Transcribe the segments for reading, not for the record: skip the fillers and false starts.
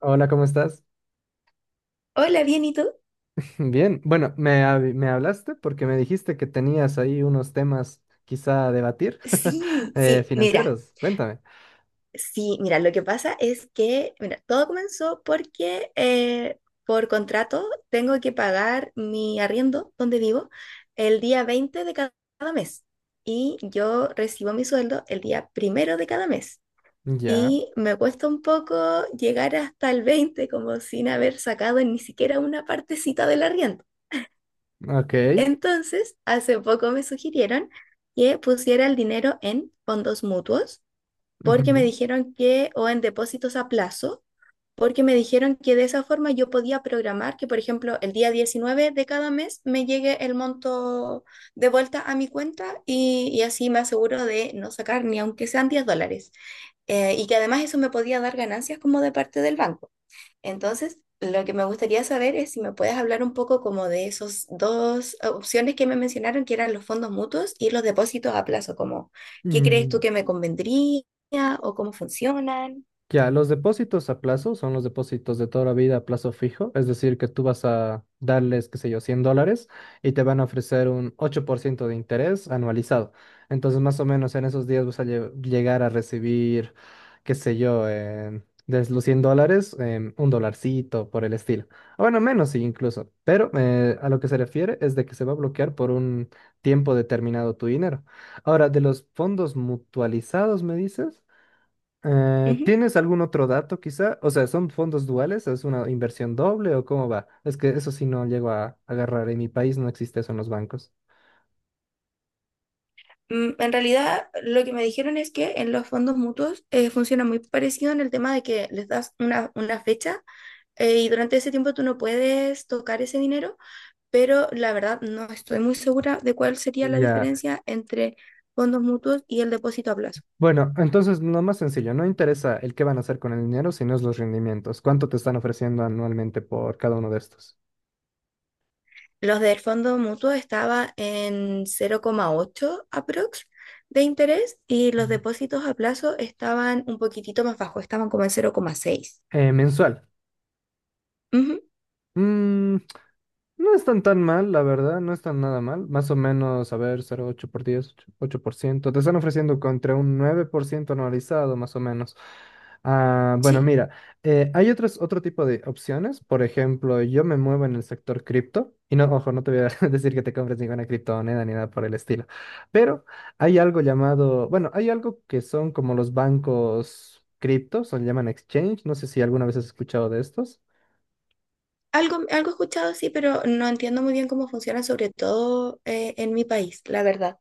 Hola, ¿cómo estás? Hola, bien, ¿y tú? Bien. Bueno, me hablaste porque me dijiste que tenías ahí unos temas quizá a debatir Sí, sí, mira, financieros. Cuéntame. Lo que pasa es que, mira, todo comenzó porque por contrato tengo que pagar mi arriendo donde vivo el día 20 de cada mes, y yo recibo mi sueldo el día primero de cada mes, Ya, y me cuesta un poco llegar hasta el 20 como sin haber sacado ni siquiera una partecita del arriendo. ok. Entonces, hace poco me sugirieron que pusiera el dinero en fondos mutuos porque me Ujú. dijeron que, o en depósitos a plazo, porque me dijeron que de esa forma yo podía programar que, por ejemplo, el día 19 de cada mes me llegue el monto de vuelta a mi cuenta, y así me aseguro de no sacar ni aunque sean $10. Y que además eso me podía dar ganancias como de parte del banco. Entonces, lo que me gustaría saber es si me puedes hablar un poco como de esos dos opciones que me mencionaron, que eran los fondos mutuos y los depósitos a plazo, como ¿qué crees tú Mm. que me convendría o cómo funcionan? Ya, los depósitos a plazo son los depósitos de toda la vida a plazo fijo, es decir, que tú vas a darles, qué sé yo, $100 y te van a ofrecer un 8% de interés anualizado. Entonces, más o menos en esos días llegar a recibir, qué sé yo, de los $100, un dolarcito por el estilo. O bueno, menos sí, incluso, pero a lo que se refiere es de que se va a bloquear por un tiempo determinado tu dinero. Ahora, de los fondos mutualizados, ¿me dices? Ujú. ¿Tienes algún otro dato quizá? O sea, ¿son fondos duales? ¿Es una inversión doble o cómo va? Es que eso sí no llego a agarrar. En mi país no existe eso en los bancos. En realidad, lo que me dijeron es que en los fondos mutuos funciona muy parecido en el tema de que les das una fecha, y durante ese tiempo tú no puedes tocar ese dinero, pero la verdad no estoy muy segura de cuál sería la Ya. diferencia entre fondos mutuos y el depósito a plazo. Bueno, entonces lo más sencillo, no interesa el qué van a hacer con el dinero, sino es los rendimientos. ¿Cuánto te están ofreciendo anualmente por cada uno de estos? Los del fondo mutuo estaba en 0,8 aprox de interés, y los Mm. depósitos a plazo estaban un poquitito más bajos, estaban como en 0,6. ¿Mensual? Ujú, Mm. No están tan mal, la verdad, no están nada mal. Más o menos, a ver, 0,8 por diez, ocho ocho por ciento, te están ofreciendo contra un 9% anualizado, más o menos. Ah, bueno, sí, mira, hay otro tipo de opciones. Por ejemplo, yo me muevo en el sector cripto. Y no, ojo, no te voy a decir que te compres ninguna criptomoneda ni nada por el estilo. Pero hay algo llamado, bueno, hay algo que son como los bancos criptos, o le llaman exchange. No sé si alguna vez has escuchado de estos. algo he escuchado, sí, pero no entiendo muy bien cómo funciona, sobre todo en mi país, la verdad.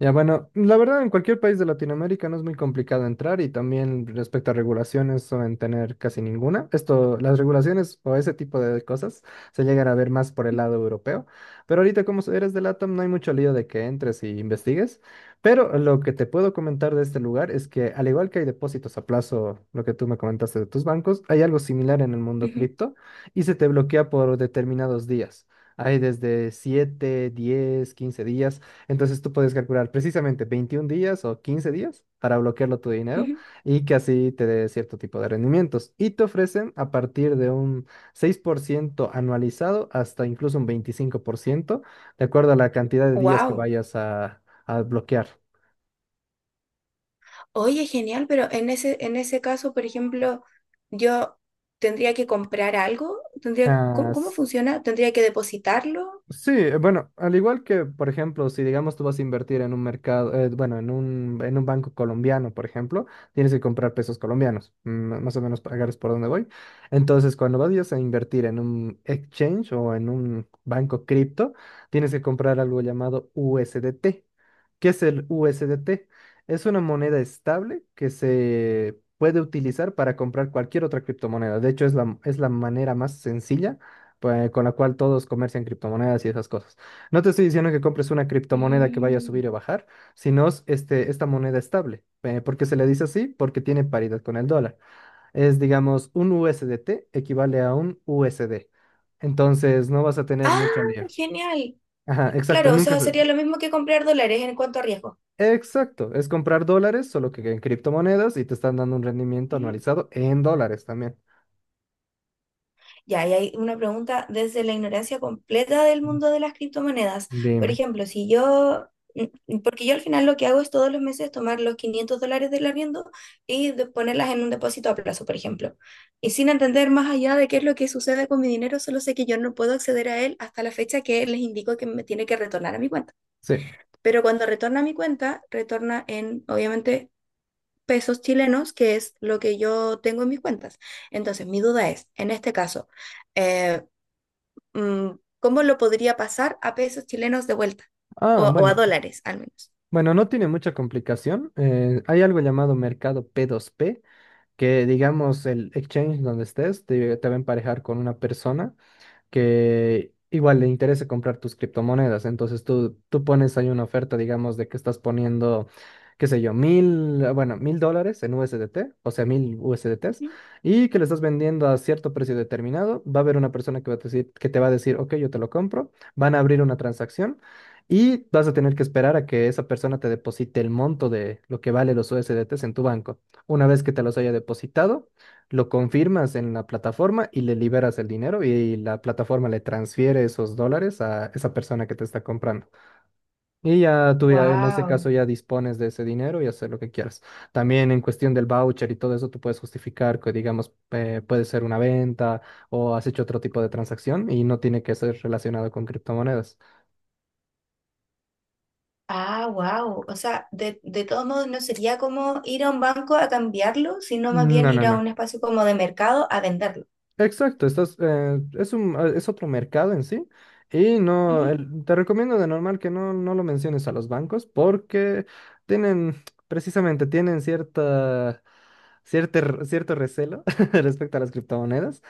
Ya, bueno, la verdad en cualquier país de Latinoamérica no es muy complicado entrar y también respecto a regulaciones suelen tener casi ninguna. Esto, las regulaciones o ese tipo de cosas se llegan a ver más por el lado europeo, pero ahorita eres del LATAM, no hay mucho lío de que entres y investigues, pero lo que te puedo comentar de este lugar es que al igual que hay depósitos a plazo, lo que tú me comentaste de tus bancos, hay algo similar en el mundo cripto y se te bloquea por determinados días. Hay desde 7, 10, 15 días. Entonces tú puedes calcular precisamente 21 días o 15 días para bloquearlo tu dinero y que así te dé cierto tipo de rendimientos. Y te ofrecen a partir de un 6% anualizado hasta incluso un 25%, de acuerdo a la cantidad de días que Wow. vayas a bloquear. Oye, genial, pero en ese caso, por ejemplo, yo tendría que comprar algo, tendría, ¿cómo, Ah, cómo funciona? ¿Tendría que depositarlo? sí, bueno, al igual que, por ejemplo, si digamos tú vas a invertir en un mercado, bueno, en un banco colombiano, por ejemplo, tienes que comprar pesos colombianos, mm, más o menos para agarres por dónde voy. Entonces, cuando vayas a invertir en un exchange o en un banco cripto, tienes que comprar algo llamado USDT. ¿Qué es el USDT? Es una moneda estable que se puede utilizar para comprar cualquier otra criptomoneda. De hecho, es la manera más sencilla pues, con la cual todos comercian criptomonedas y esas cosas. No te estoy diciendo que compres una criptomoneda que vaya a Mm. subir o bajar, sino es, este, esta moneda estable. ¿Por qué se le dice así? Porque tiene paridad con el dólar. Es, digamos, un USDT equivale a un USD. Entonces, no vas a tener Ah, mucho lío. genial. Ajá, exacto, Claro, o nunca sea, se... sería lo mismo que comprar dólares en cuanto a riesgo. Exacto, es comprar dólares, solo que en criptomonedas y te están dando un rendimiento Ujú. anualizado en dólares también. Ya, y hay una pregunta desde la ignorancia completa del mundo de las criptomonedas. Por Dime. ejemplo, si yo, porque yo al final lo que hago es todos los meses tomar los $500 del arriendo y ponerlas en un depósito a plazo, por ejemplo. Y sin entender más allá de qué es lo que sucede con mi dinero, solo sé que yo no puedo acceder a él hasta la fecha que les indico que me tiene que retornar a mi cuenta. Sí. Pero cuando retorna a mi cuenta, retorna en, obviamente, pesos chilenos, que es lo que yo tengo en mis cuentas. Entonces, mi duda es, en este caso, eh, mm, ¿cómo lo podría pasar a pesos chilenos de vuelta? Ah, O a bueno. dólares, al menos. Bueno, no tiene mucha complicación. Hay algo llamado mercado P2P que digamos el exchange donde estés te va a emparejar con una persona que igual le interese comprar tus criptomonedas. Entonces tú pones ahí una oferta, digamos, de que estás poniendo, qué sé yo, $1.000 en USDT, o sea, 1.000 USDTs, y que le estás vendiendo a cierto precio determinado. Va a haber una persona que va a decir, que te va a decir, ok, yo te lo compro. Van a abrir una transacción. Y vas a tener que esperar a que esa persona te deposite el monto de lo que vale los USDTs en tu banco. Una vez que te los haya depositado, lo confirmas en la plataforma y le liberas el dinero y la plataforma le transfiere esos dólares a esa persona que te está comprando. Y ya tú ya en este Wow. caso ya dispones de ese dinero y hacer lo que quieras. También en cuestión del voucher y todo eso, tú puedes justificar que digamos puede ser una venta o has hecho otro tipo de transacción y no tiene que ser relacionado con criptomonedas. Ah, wow. O sea, de todos modos no sería como ir a un banco a cambiarlo, sino más bien No, no, ir a no. un espacio como de mercado a venderlo. Exacto, estás, es un, es otro mercado en sí. Y no, Ujú. Te recomiendo de normal que no, no lo menciones a los bancos porque tienen, precisamente, tienen cierto recelo respecto a las criptomonedas.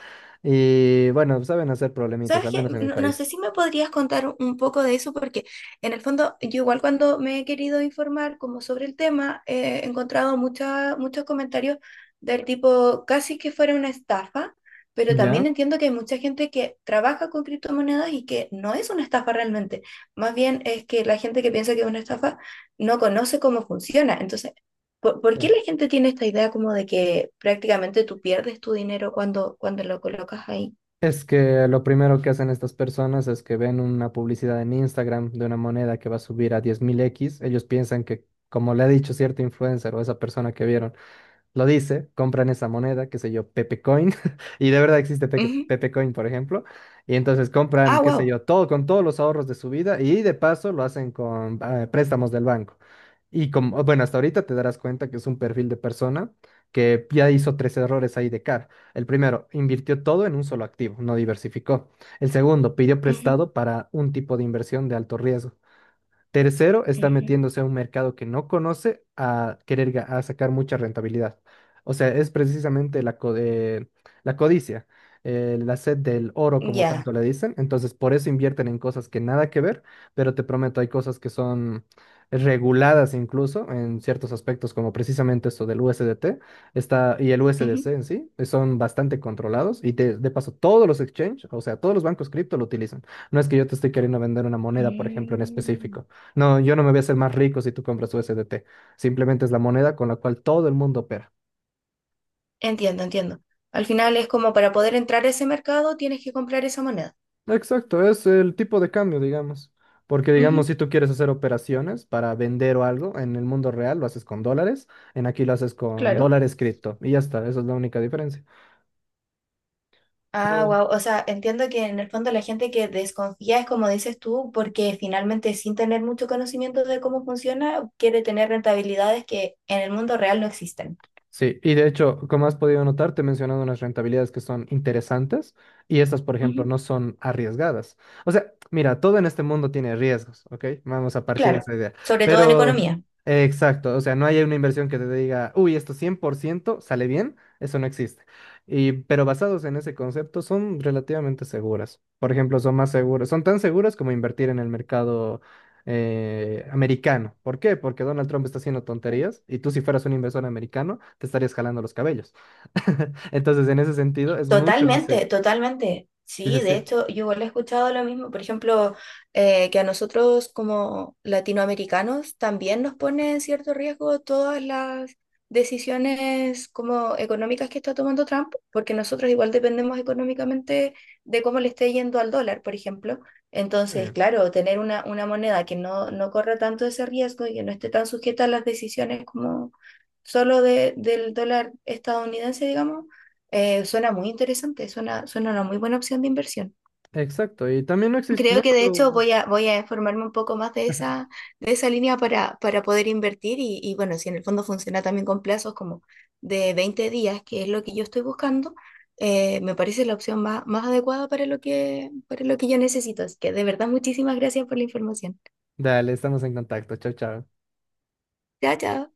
Y bueno, saben hacer problemitas, ¿Sabes al qué? menos en mi No, no sé país. si me podrías contar un poco de eso, porque en el fondo yo igual cuando me he querido informar como sobre el tema, he encontrado muchos comentarios del tipo casi que fuera una estafa, pero ¿Ya? también entiendo que hay mucha gente que trabaja con criptomonedas y que no es una estafa realmente. Más bien es que la gente que piensa que es una estafa no conoce cómo funciona. Entonces, ¿por Sí. qué la gente tiene esta idea como de que prácticamente tú pierdes tu dinero cuando lo colocas ahí? Es que lo primero que hacen estas personas es que ven una publicidad en Instagram de una moneda que va a subir a 10.000 x. Ellos piensan que, como le ha dicho cierto influencer o esa persona que vieron, lo dice, compran esa moneda, qué sé yo, Pepe Coin, y de verdad existe Pepe Coin, por ejemplo, y entonces compran, Ah, qué sé wow. yo, todo con todos los ahorros de su vida y de paso lo hacen con préstamos del banco. Y como, bueno, hasta ahorita te darás cuenta que es un perfil de persona que ya hizo tres errores ahí de cara. El primero, invirtió todo en un solo activo, no diversificó. El segundo, pidió Ujú, prestado para un tipo de inversión de alto riesgo. Tercero, está ujú, metiéndose a un mercado que no conoce a querer a sacar mucha rentabilidad. O sea, es precisamente la codicia, la sed del oro, como ya. tanto le dicen. Entonces, por eso invierten en cosas que nada que ver, pero te prometo, hay cosas que son reguladas incluso en ciertos aspectos, como precisamente esto del USDT está, y el Ujú. USDC en sí, son bastante controlados. Y de paso, todos los exchange, o sea, todos los bancos cripto lo utilizan. No es que yo te estoy queriendo vender una moneda, por ejemplo, en Mm. específico. No, yo no me voy a hacer más rico si tú compras U S D T. Simplemente es la moneda con la cual todo el mundo opera. Entiendo, entiendo. Al final es como para poder entrar a ese mercado tienes que comprar esa moneda. Exacto, es el tipo de cambio, digamos. Porque, digamos, Ujú, si tú quieres hacer operaciones para vender o algo en el mundo real, lo haces con dólares. En aquí lo haces con claro. dólares cripto. Y ya está, esa es la única diferencia. Ah, wow. O sea, entiendo que en el fondo la gente que desconfía es como dices tú, porque finalmente sin tener mucho conocimiento de cómo funciona, quiere tener rentabilidades que en el mundo real no existen. Sí, y de hecho, como has podido notar, te he mencionado unas rentabilidades que son interesantes y estas, por Ujú, ejemplo, no son arriesgadas. O sea, mira, todo en este mundo tiene riesgos, ¿ok? Vamos a partir de claro, esa idea. sobre todo en Pero, economía. Exacto, o sea, no hay una inversión que te diga, uy, esto 100% sale bien, eso no existe. Y, pero basados en ese concepto, son relativamente seguras. Por ejemplo, son más seguras, son tan seguras como invertir en el mercado americano. ¿Por qué? Porque Donald Trump está haciendo tonterías y tú si fueras un inversor americano te estarías jalando los cabellos. Entonces, en ese sentido, es mucho más... Totalmente, se- totalmente. Dice, Sí, sí, de sí, hecho, yo igual he escuchado lo mismo. Por ejemplo, que a nosotros como latinoamericanos también nos pone en cierto riesgo todas las decisiones como económicas que está tomando Trump, porque nosotros igual dependemos económicamente de cómo le esté yendo al dólar, por ejemplo. Entonces, eh, claro, tener una moneda que no corra tanto ese riesgo y que no esté tan sujeta a las decisiones como solo del dólar estadounidense, digamos, suena muy interesante, suena una muy buena opción de inversión. exacto. Y también no existe... Creo No, que de no- hecho voy a informarme un poco más de esa línea para poder invertir, y bueno, si en el fondo funciona también con plazos como de 20 días, que es lo que yo estoy buscando, me parece la opción más adecuada para lo que, yo necesito. Así que de verdad, muchísimas gracias por la información. Dale, estamos en contacto. Chao, chao. Chao, chao.